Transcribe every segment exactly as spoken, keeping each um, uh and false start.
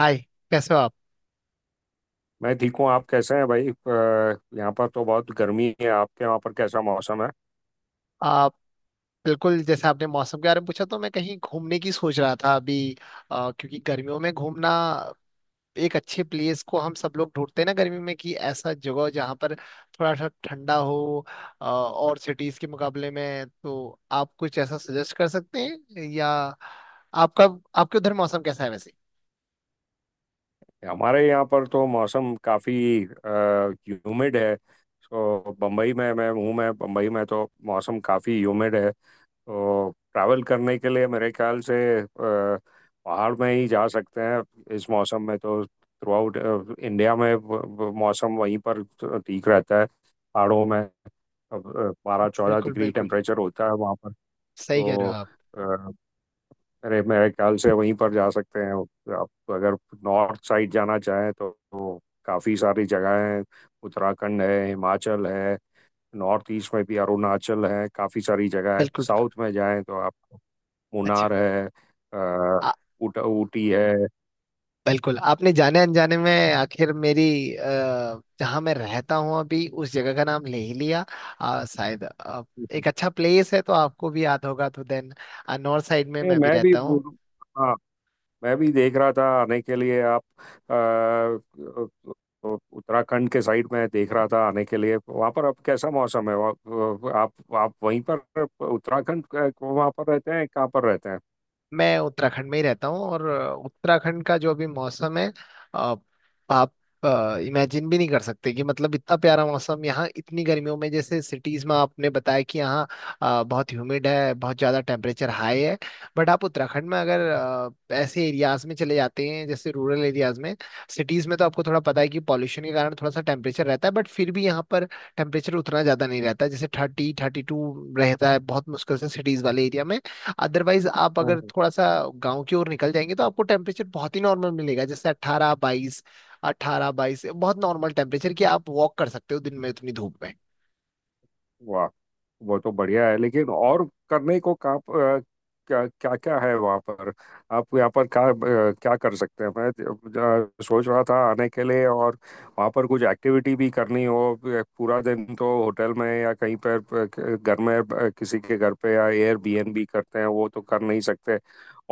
हाय। कैसे हो आप? मैं ठीक हूँ। आप कैसे हैं भाई? अ, यहाँ पर तो बहुत गर्मी है। आपके वहाँ पर कैसा मौसम है? आप? बिल्कुल, जैसे आपने मौसम के बारे में पूछा, तो मैं कहीं घूमने की सोच रहा था अभी। अ, क्योंकि गर्मियों में घूमना, एक अच्छे प्लेस को हम सब लोग ढूंढते हैं ना गर्मी में, कि ऐसा जगह जहाँ पर थोड़ा सा ठंडा हो। अ, और सिटीज के मुकाबले में तो आप कुछ ऐसा सजेस्ट कर सकते हैं? या आपका आपके उधर मौसम कैसा है वैसे? हमारे यहाँ पर तो मौसम काफ़ी ह्यूमिड है। तो बम्बई में मैं हूँ, मैं बम्बई में तो मौसम काफ़ी ह्यूमिड है। तो ट्रैवल करने के लिए मेरे ख्याल से अ, पहाड़ में ही जा सकते हैं। इस मौसम में तो थ्रू आउट इंडिया में व- व- मौसम वहीं पर ठीक रहता है, पहाड़ों में। बारह चौदह बिल्कुल डिग्री बिल्कुल, टेम्परेचर होता है वहाँ पर। सही कह रहे हो तो आप। अरे, मेरे ख्याल से वहीं पर जा सकते हैं। आप अगर नॉर्थ साइड जाना चाहें तो, तो काफ़ी सारी जगह हैं। उत्तराखंड है, हिमाचल है। नॉर्थ ईस्ट में भी अरुणाचल है, काफ़ी सारी जगह है। बिल्कुल। साउथ में जाएं तो आप, अच्छा। मुन्नार है, अ, उट, ऊटी है। बिल्कुल, आपने जाने अनजाने में आखिर मेरी, अ, जहाँ मैं रहता हूँ अभी, उस जगह का नाम ले ही लिया। अ, शायद अ, एक अच्छा प्लेस है, तो आपको भी याद होगा तो देन, नॉर्थ साइड में ये मैं भी मैं भी, रहता हूँ। हाँ, मैं भी देख रहा था आने के लिए। आप अ, तो उत्तराखंड के साइड में देख रहा था आने के लिए। वहाँ पर अब कैसा मौसम है? वहाँ- आप आप वहीं पर उत्तराखंड के, वहाँ पर रहते हैं? कहाँ पर रहते मैं उत्तराखंड में ही रहता हूँ। और उत्तराखंड का जो अभी मौसम है, अ, आप इमेजिन भी नहीं कर सकते, कि मतलब इतना प्यारा मौसम यहाँ। इतनी गर्मियों में, जैसे सिटीज में आपने बताया कि यहाँ अ, बहुत ह्यूमिड है, बहुत ज़्यादा टेम्परेचर हाई है। बट आप उत्तराखंड में अगर अ, ऐसे एरियाज में चले जाते हैं, जैसे रूरल एरियाज में। सिटीज में तो आपको थोड़ा पता है कि पॉल्यूशन के कारण थोड़ा सा टेम्परेचर रहता है, बट फिर भी यहाँ पर टेम्परेचर उतना ज़्यादा नहीं रहता, जैसे थर्टी थर्टी टू रहता है, बहुत मुश्किल से सिटीज वाले एरिया में। अदरवाइज, आप अगर हैं? थोड़ा सा गांव की ओर निकल जाएंगे तो आपको टेम्परेचर बहुत ही नॉर्मल मिलेगा, जैसे अट्ठारह बाईस। अट्ठारह बाईस बहुत नॉर्मल टेम्परेचर, कि आप वॉक कर सकते हो दिन में इतनी धूप में। वाह! वो तो बढ़िया है, लेकिन और करने को का, क्या क्या क्या है वहाँ पर? आप यहाँ पर क्या अ, क्या कर सकते हैं? मैं अ, सोच रहा था आने के लिए, और वहाँ पर कुछ एक्टिविटी भी करनी हो। अ, पूरा दिन तो होटल में या कहीं पर पर घर में, अ, किसी के घर पे या एयरबीएनबी करते हैं वो तो कर नहीं सकते।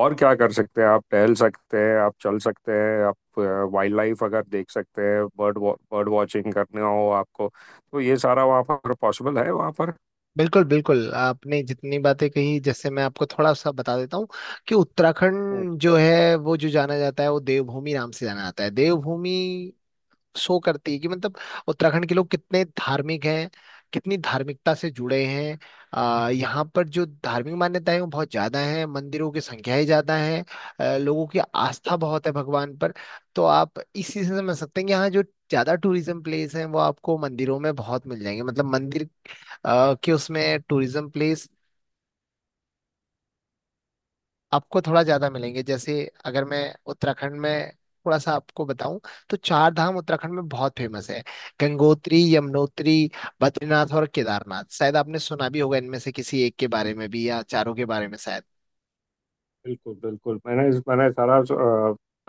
और क्या कर सकते हैं? आप टहल सकते हैं, आप चल सकते हैं, आप वाइल्ड लाइफ अगर देख सकते हैं, बर्ड बर्ड वॉचिंग करने हो आपको। तो ये सारा वहाँ पर पॉसिबल है वहाँ पर? बिल्कुल बिल्कुल, आपने जितनी बातें कही, जैसे मैं आपको थोड़ा सा बता देता हूँ कि हाँ, उत्तराखंड जो है, वो जो जाना जाता है वो देवभूमि नाम से जाना जाता है। देवभूमि शो करती है कि मतलब उत्तराखंड के लोग कितने धार्मिक हैं, कितनी धार्मिकता से जुड़े हैं। आ, यहाँ पर जो धार्मिक मान्यताएं हैं, वो बहुत ज्यादा हैं, मंदिरों की संख्याएं ज्यादा हैं। अ, लोगों की आस्था बहुत है भगवान पर। तो आप इस चीज से समझ सकते हैं कि यहाँ जो ज्यादा टूरिज्म प्लेस हैं, वो आपको मंदिरों में बहुत मिल जाएंगे। मतलब मंदिर अ, के उसमें टूरिज्म प्लेस आपको थोड़ा ज्यादा मिलेंगे। जैसे अगर मैं उत्तराखंड में थोड़ा सा आपको बताऊं, तो चार धाम उत्तराखंड में बहुत फेमस है। गंगोत्री, यमुनोत्री, बद्रीनाथ और केदारनाथ, शायद आपने सुना भी होगा इनमें से किसी एक के बारे में भी, या चारों के बारे में शायद। बिल्कुल बिल्कुल। मैंने मैंने सारा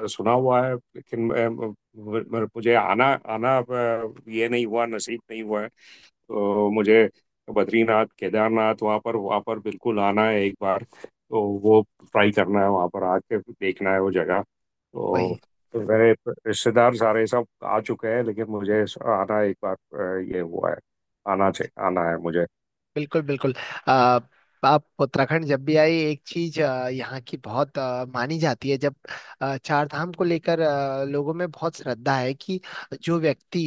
अ, सुना हुआ है, लेकिन अ, म- मुझे आना, आना अ, ये नहीं हुआ, नसीब नहीं हुआ है। तो मुझे बद्रीनाथ केदारनाथ, वहाँ पर वहाँ पर बिल्कुल आना है। एक बार तो वो ट्राई करना है, वहाँ पर आके देखना है वो जगह तो। वही। मेरे रिश्तेदार सारे सब आ चुके हैं, लेकिन मुझे आना एक बार अ, ये हुआ है। आना चाहिए, आना है मुझे। बिल्कुल बिल्कुल। आ, आप उत्तराखंड जब भी आए, एक चीज अ, यहाँ की बहुत अ, मानी जाती है, जब अ, चार धाम को लेकर अ, लोगों में बहुत श्रद्धा है कि जो व्यक्ति,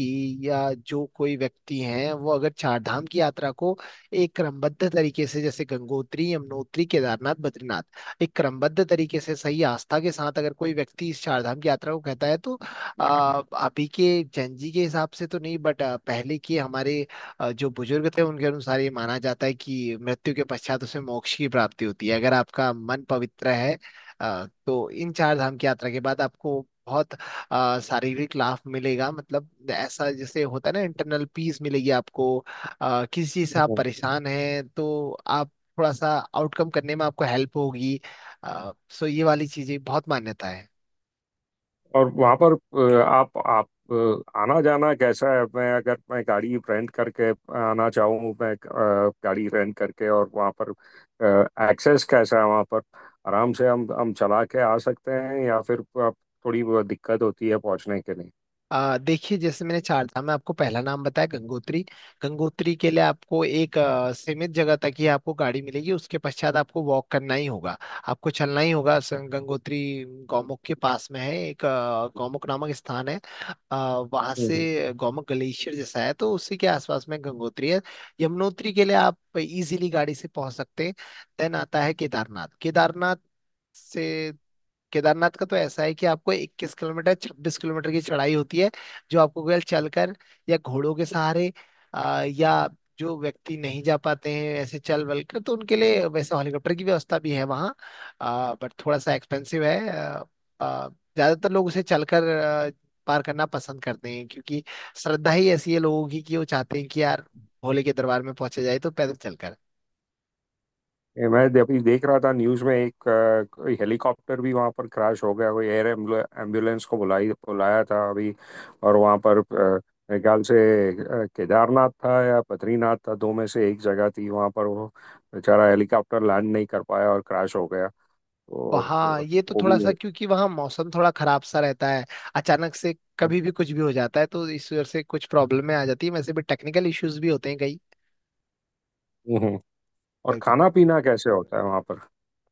या जो कोई व्यक्ति है, वो अगर चार धाम की यात्रा को एक क्रमबद्ध तरीके से, जैसे गंगोत्री, यमुनोत्री, केदारनाथ, बद्रीनाथ, एक क्रमबद्ध तरीके से सही आस्था के साथ अगर कोई व्यक्ति इस चार धाम की यात्रा को कहता है, तो आ, अभी के जन जी के हिसाब से तो नहीं, बट पहले के हमारे अ, जो बुजुर्ग थे, उनके अनुसार ये माना जाता है कि मृत्यु के पश्चात उसे मोक्ष की प्राप्ति होती है, अगर आपका मन पवित्र है। अ, तो इन चार धाम की यात्रा के बाद आपको बहुत अ, शारीरिक लाभ मिलेगा। मतलब ऐसा जैसे होता है ना, इंटरनल पीस मिलेगी आपको। अ, किसी चीज से आप परेशान हैं, तो आप थोड़ा सा आउटकम करने में आपको हेल्प होगी। अ, सो ये वाली चीजें बहुत मान्यता है। और वहाँ पर अ, आप आप अ, आना जाना कैसा है? मैं अगर मैं गाड़ी रेंट करके आना चाहूँ, मैं अ, गाड़ी रेंट करके, और वहाँ पर एक्सेस कैसा है वहाँ पर? आराम से हम हम चला के आ सकते हैं, या फिर आप थोड़ी वो दिक्कत होती है पहुँचने के आ, देखिए, जैसे मैंने चार था मैं आपको पहला नाम बताया, गंगोत्री। गंगोत्री के लिए आपको एक आ, सीमित जगह तक ही आपको गाड़ी मिलेगी, उसके पश्चात आपको वॉक करना ही होगा, आपको चलना ही होगा। स- गंगोत्री गौमुख के पास में है, एक आ, गौमुख नामक स्थान है। आ, वहां लिए? से गौमुख ग्लेशियर जैसा है, तो उसी के आसपास में गंगोत्री है। यमुनोत्री के लिए आप इजीली गाड़ी से पहुंच सकते हैं। देन आता है केदारनाथ। केदारनाथ से केदारनाथ का तो ऐसा है कि आपको इक्कीस किलोमीटर छब्बीस किलोमीटर की चढ़ाई होती है, जो आपको केवल चलकर, या घोड़ों के सहारे, आ, या जो व्यक्ति नहीं जा पाते हैं ऐसे चल बल कर, तो उनके लिए वैसे हेलीकॉप्टर की व्यवस्था भी है वहाँ। बट थोड़ा सा एक्सपेंसिव है। आ, आ, ज्यादातर लोग उसे चलकर आ, पार करना पसंद करते हैं, क्योंकि श्रद्धा ही ऐसी है लोगों की, कि वो चाहते हैं कि यार भोले के दरबार में पहुंचे जाए तो पैदल चलकर। ये मैं दे- अभी देख रहा था न्यूज में। एक अ, कोई हेलीकॉप्टर भी वहां पर क्रैश हो गया। कोई एयर एम्बुलेंस को बुलाई बुलाया था अभी। और वहां पर अ, मेरे ख्याल से अ, केदारनाथ था या बद्रीनाथ था, दो में से एक जगह थी वहां पर। वो बेचारा हेलीकॉप्टर लैंड नहीं कर पाया और क्रैश हो गया। तो वहाँ, अ, ये तो वो भी थोड़ा सा, है। क्योंकि वहाँ मौसम थोड़ा खराब सा रहता है, अचानक से कभी हम्म, भी कुछ भी हो जाता है, तो इस वजह से कुछ प्रॉब्लम में आ जाती है, वैसे भी टेक्निकल इश्यूज भी होते हैं हम्म। हम्म। और कई। खाना पीना कैसे होता है वहां पर?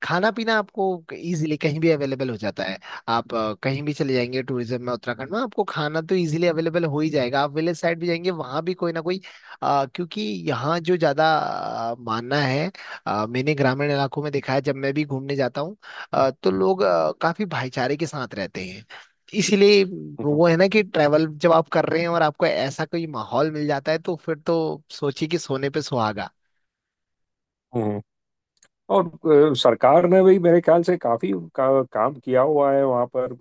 खाना पीना आपको इजीली कहीं भी अवेलेबल हो जाता है। आप अ, कहीं भी चले जाएंगे टूरिज्म में उत्तराखंड में, आपको खाना तो इजीली अवेलेबल हो ही जाएगा। आप विलेज साइड भी जाएंगे, वहां भी कोई ना कोई, अ, क्योंकि यहाँ जो ज्यादा अ, मानना है, अ, मैंने ग्रामीण इलाकों में देखा है जब मैं भी घूमने जाता हूँ, अ, तो लोग अ, काफी भाईचारे के साथ रहते हैं, इसीलिए हम्म, हम्म। वो है ना, कि ट्रैवल जब आप कर रहे हैं, और आपको ऐसा कोई माहौल मिल जाता है, तो फिर तो सोचिए कि सोने पे सुहागा। हम्म। और अ, सरकार ने भी मेरे ख्याल से काफी उनका काम किया हुआ है वहाँ पर।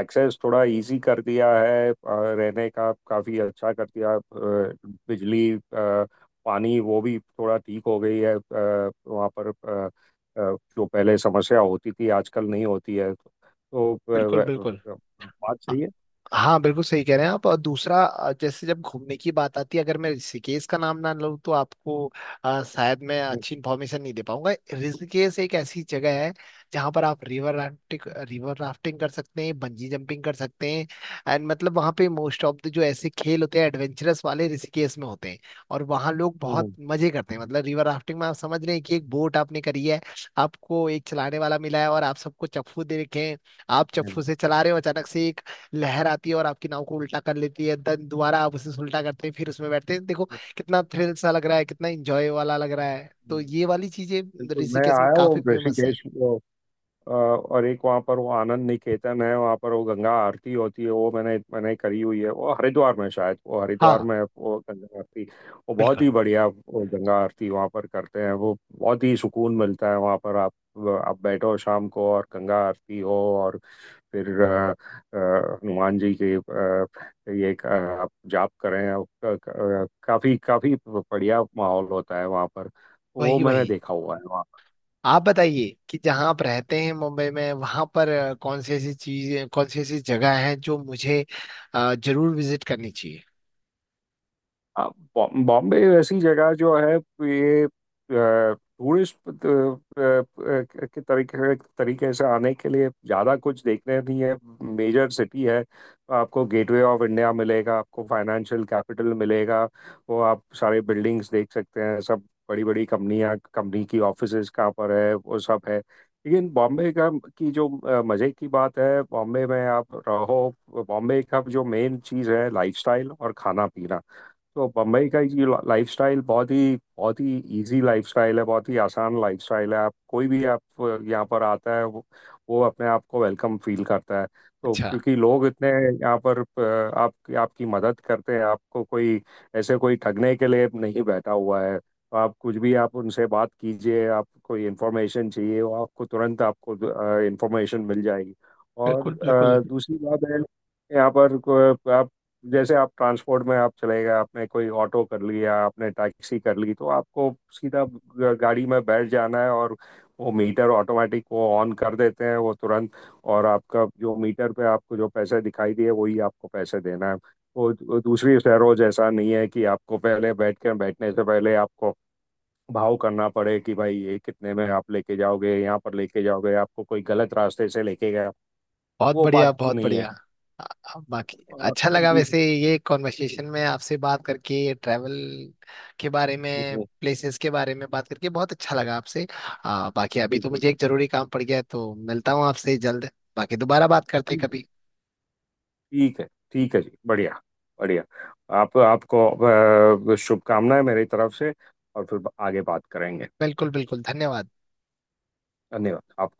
एक्सेस थोड़ा इजी कर दिया है, अ, रहने का काफी अच्छा कर दिया। अ, बिजली अ, पानी वो भी थोड़ा ठीक हो गई है। अ, वहाँ पर अ, अ, जो पहले समस्या होती थी आजकल नहीं होती है तो, अ, बिल्कुल व- बिल्कुल। अ, बात सही है। हाँ, बिल्कुल सही कह रहे हैं आप। और दूसरा, अ, जैसे जब घूमने की बात आती है, अगर मैं ऋषिकेश का नाम ना लूँ, तो आपको अ, शायद मैं अच्छी हम्म, इन्फॉर्मेशन नहीं दे पाऊंगा। ऋषिकेश एक ऐसी जगह है जहाँ पर आप रिवर राफ्टिंग, रिवर राफ्टिंग कर सकते हैं, बंजी जंपिंग कर सकते हैं। एंड मतलब वहाँ पे मोस्ट ऑफ द जो ऐसे खेल होते हैं एडवेंचरस वाले, ऋषिकेश में होते हैं। और वहाँ लोग बहुत हम्म, मजे करते हैं। मतलब रिवर राफ्टिंग में आप समझ रहे हैं कि एक बोट आपने करी है, आपको एक चलाने वाला मिला है, और आप सबको चप्पू दे रखे हैं। आप हम्म, चप्पू से चला रहे हो, अचानक हम्म, से लहर आती है और आपकी नाव को उल्टा कर लेती है। देन दोबारा आप उसे उल्टा करते हैं, फिर उसमें बैठते हैं। देखो हम्म, कितना थ्रिल सा लग रहा है, कितना एंजॉय वाला लग रहा है। तो हम्म। ये वाली चीजें बिल्कुल, मैं ऋषिकेश में आया काफी हूँ फेमस है। ऋषिकेश। अ, और एक वहाँ पर वो आनंद निकेतन है, वहाँ पर वो गंगा आरती होती है। वो मैंने मैंने करी हुई है। वो हरिद्वार में शायद, वो हरिद्वार हाँ, में है, वो गंगा आरती। वो बहुत बिल्कुल। ही बढ़िया, वो गंगा आरती वहाँ पर करते हैं। वो बहुत ही सुकून मिलता है वहाँ पर। आप आप बैठो शाम को और गंगा आरती हो। और फिर अ, अ, हनुमान जी के, अ, ये क- आप जाप करें, आप क- क- काफी काफी बढ़िया माहौल होता है वहाँ पर। वो वही, मैंने वही। देखा हुआ है। आप बताइए, कि जहाँ आप रहते हैं मुंबई में, वहां पर अ, कौन सी ऐसी चीज कौन सी ऐसी जगह है जो मुझे अ, जरूर विजिट करनी चाहिए? हाँ, बॉ- बॉम्बे ऐसी जगह जो है ये, टूरिस्ट के तरीके तरीके से आने के लिए ज़्यादा कुछ देखने नहीं है। मेजर सिटी है, तो आपको गेटवे ऑफ इंडिया मिलेगा, आपको फाइनेंशियल कैपिटल मिलेगा, वो आप सारे बिल्डिंग्स देख सकते हैं सब। बड़ी बड़ी कंपनियां कंपनी की ऑफिसेज कहाँ पर है, वो सब है। लेकिन बॉम्बे का की जो अ, मज़े की बात है, बॉम्बे में आप रहो, बॉम्बे का जो मेन चीज़ है लाइफस्टाइल और खाना पीना। तो बम्बई का ये लाइफस्टाइल बहुत ही बहुत ही इजी लाइफस्टाइल है, बहुत ही आसान लाइफस्टाइल है। आप कोई भी आप यहाँ पर आता है वो, वो अपने आप को वेलकम फील करता है। तो अच्छा। क्योंकि लोग इतने यहाँ पर, अ, आप आपकी मदद करते हैं। आपको कोई ऐसे कोई ठगने के लिए नहीं बैठा हुआ है, तो आप कुछ भी आप उनसे बात कीजिए। आप कोई इन्फॉर्मेशन चाहिए वो आपको तुरंत आपको इन्फॉर्मेशन मिल जाएगी। और बिल्कुल बिल्कुल। अ, दूसरी बात है, यहाँ पर को- आप, जैसे आप ट्रांसपोर्ट में आप चले गए, आपने कोई ऑटो कर लिया, आपने टैक्सी कर ली, तो आपको सीधा ग- गाड़ी में बैठ जाना है, और वो मीटर ऑटोमेटिक वो ऑन कर देते हैं वो तुरंत। और आपका जो मीटर पे आपको जो पैसे दिखाई दिए वही आपको पैसे देना है। वो वो दूसरी शहरों जैसा नहीं है कि आपको पहले बैठ के बैठने से पहले आपको भाव करना पड़े कि भाई ये कितने में आप लेके जाओगे, यहाँ पर लेके जाओगे, आपको कोई गलत रास्ते से लेके गया। बहुत वो बढ़िया, बात बहुत नहीं है। बढ़िया। आ- आ- बाकी और अच्छा और लगा, दूसरी- वैसे ये कॉन्वर्सेशन में आपसे बात करके, ट्रैवल के बारे में, प्लेसेस के बारे में बात करके, बहुत अच्छा लगा आपसे। आ, बाकी अभी तो बिल्कुल। मुझे एक जरूरी काम पड़ गया है, तो मिलता हूँ आपसे जल्द। बाकी दोबारा बात करते हैं कभी। ठीक है, ठीक है जी। बढ़िया, बढ़िया। आप आपको अ, शुभकामनाएं मेरी तरफ से। और फिर आगे बात करेंगे। बिल्कुल बिल्कुल। धन्यवाद। धन्यवाद आपको।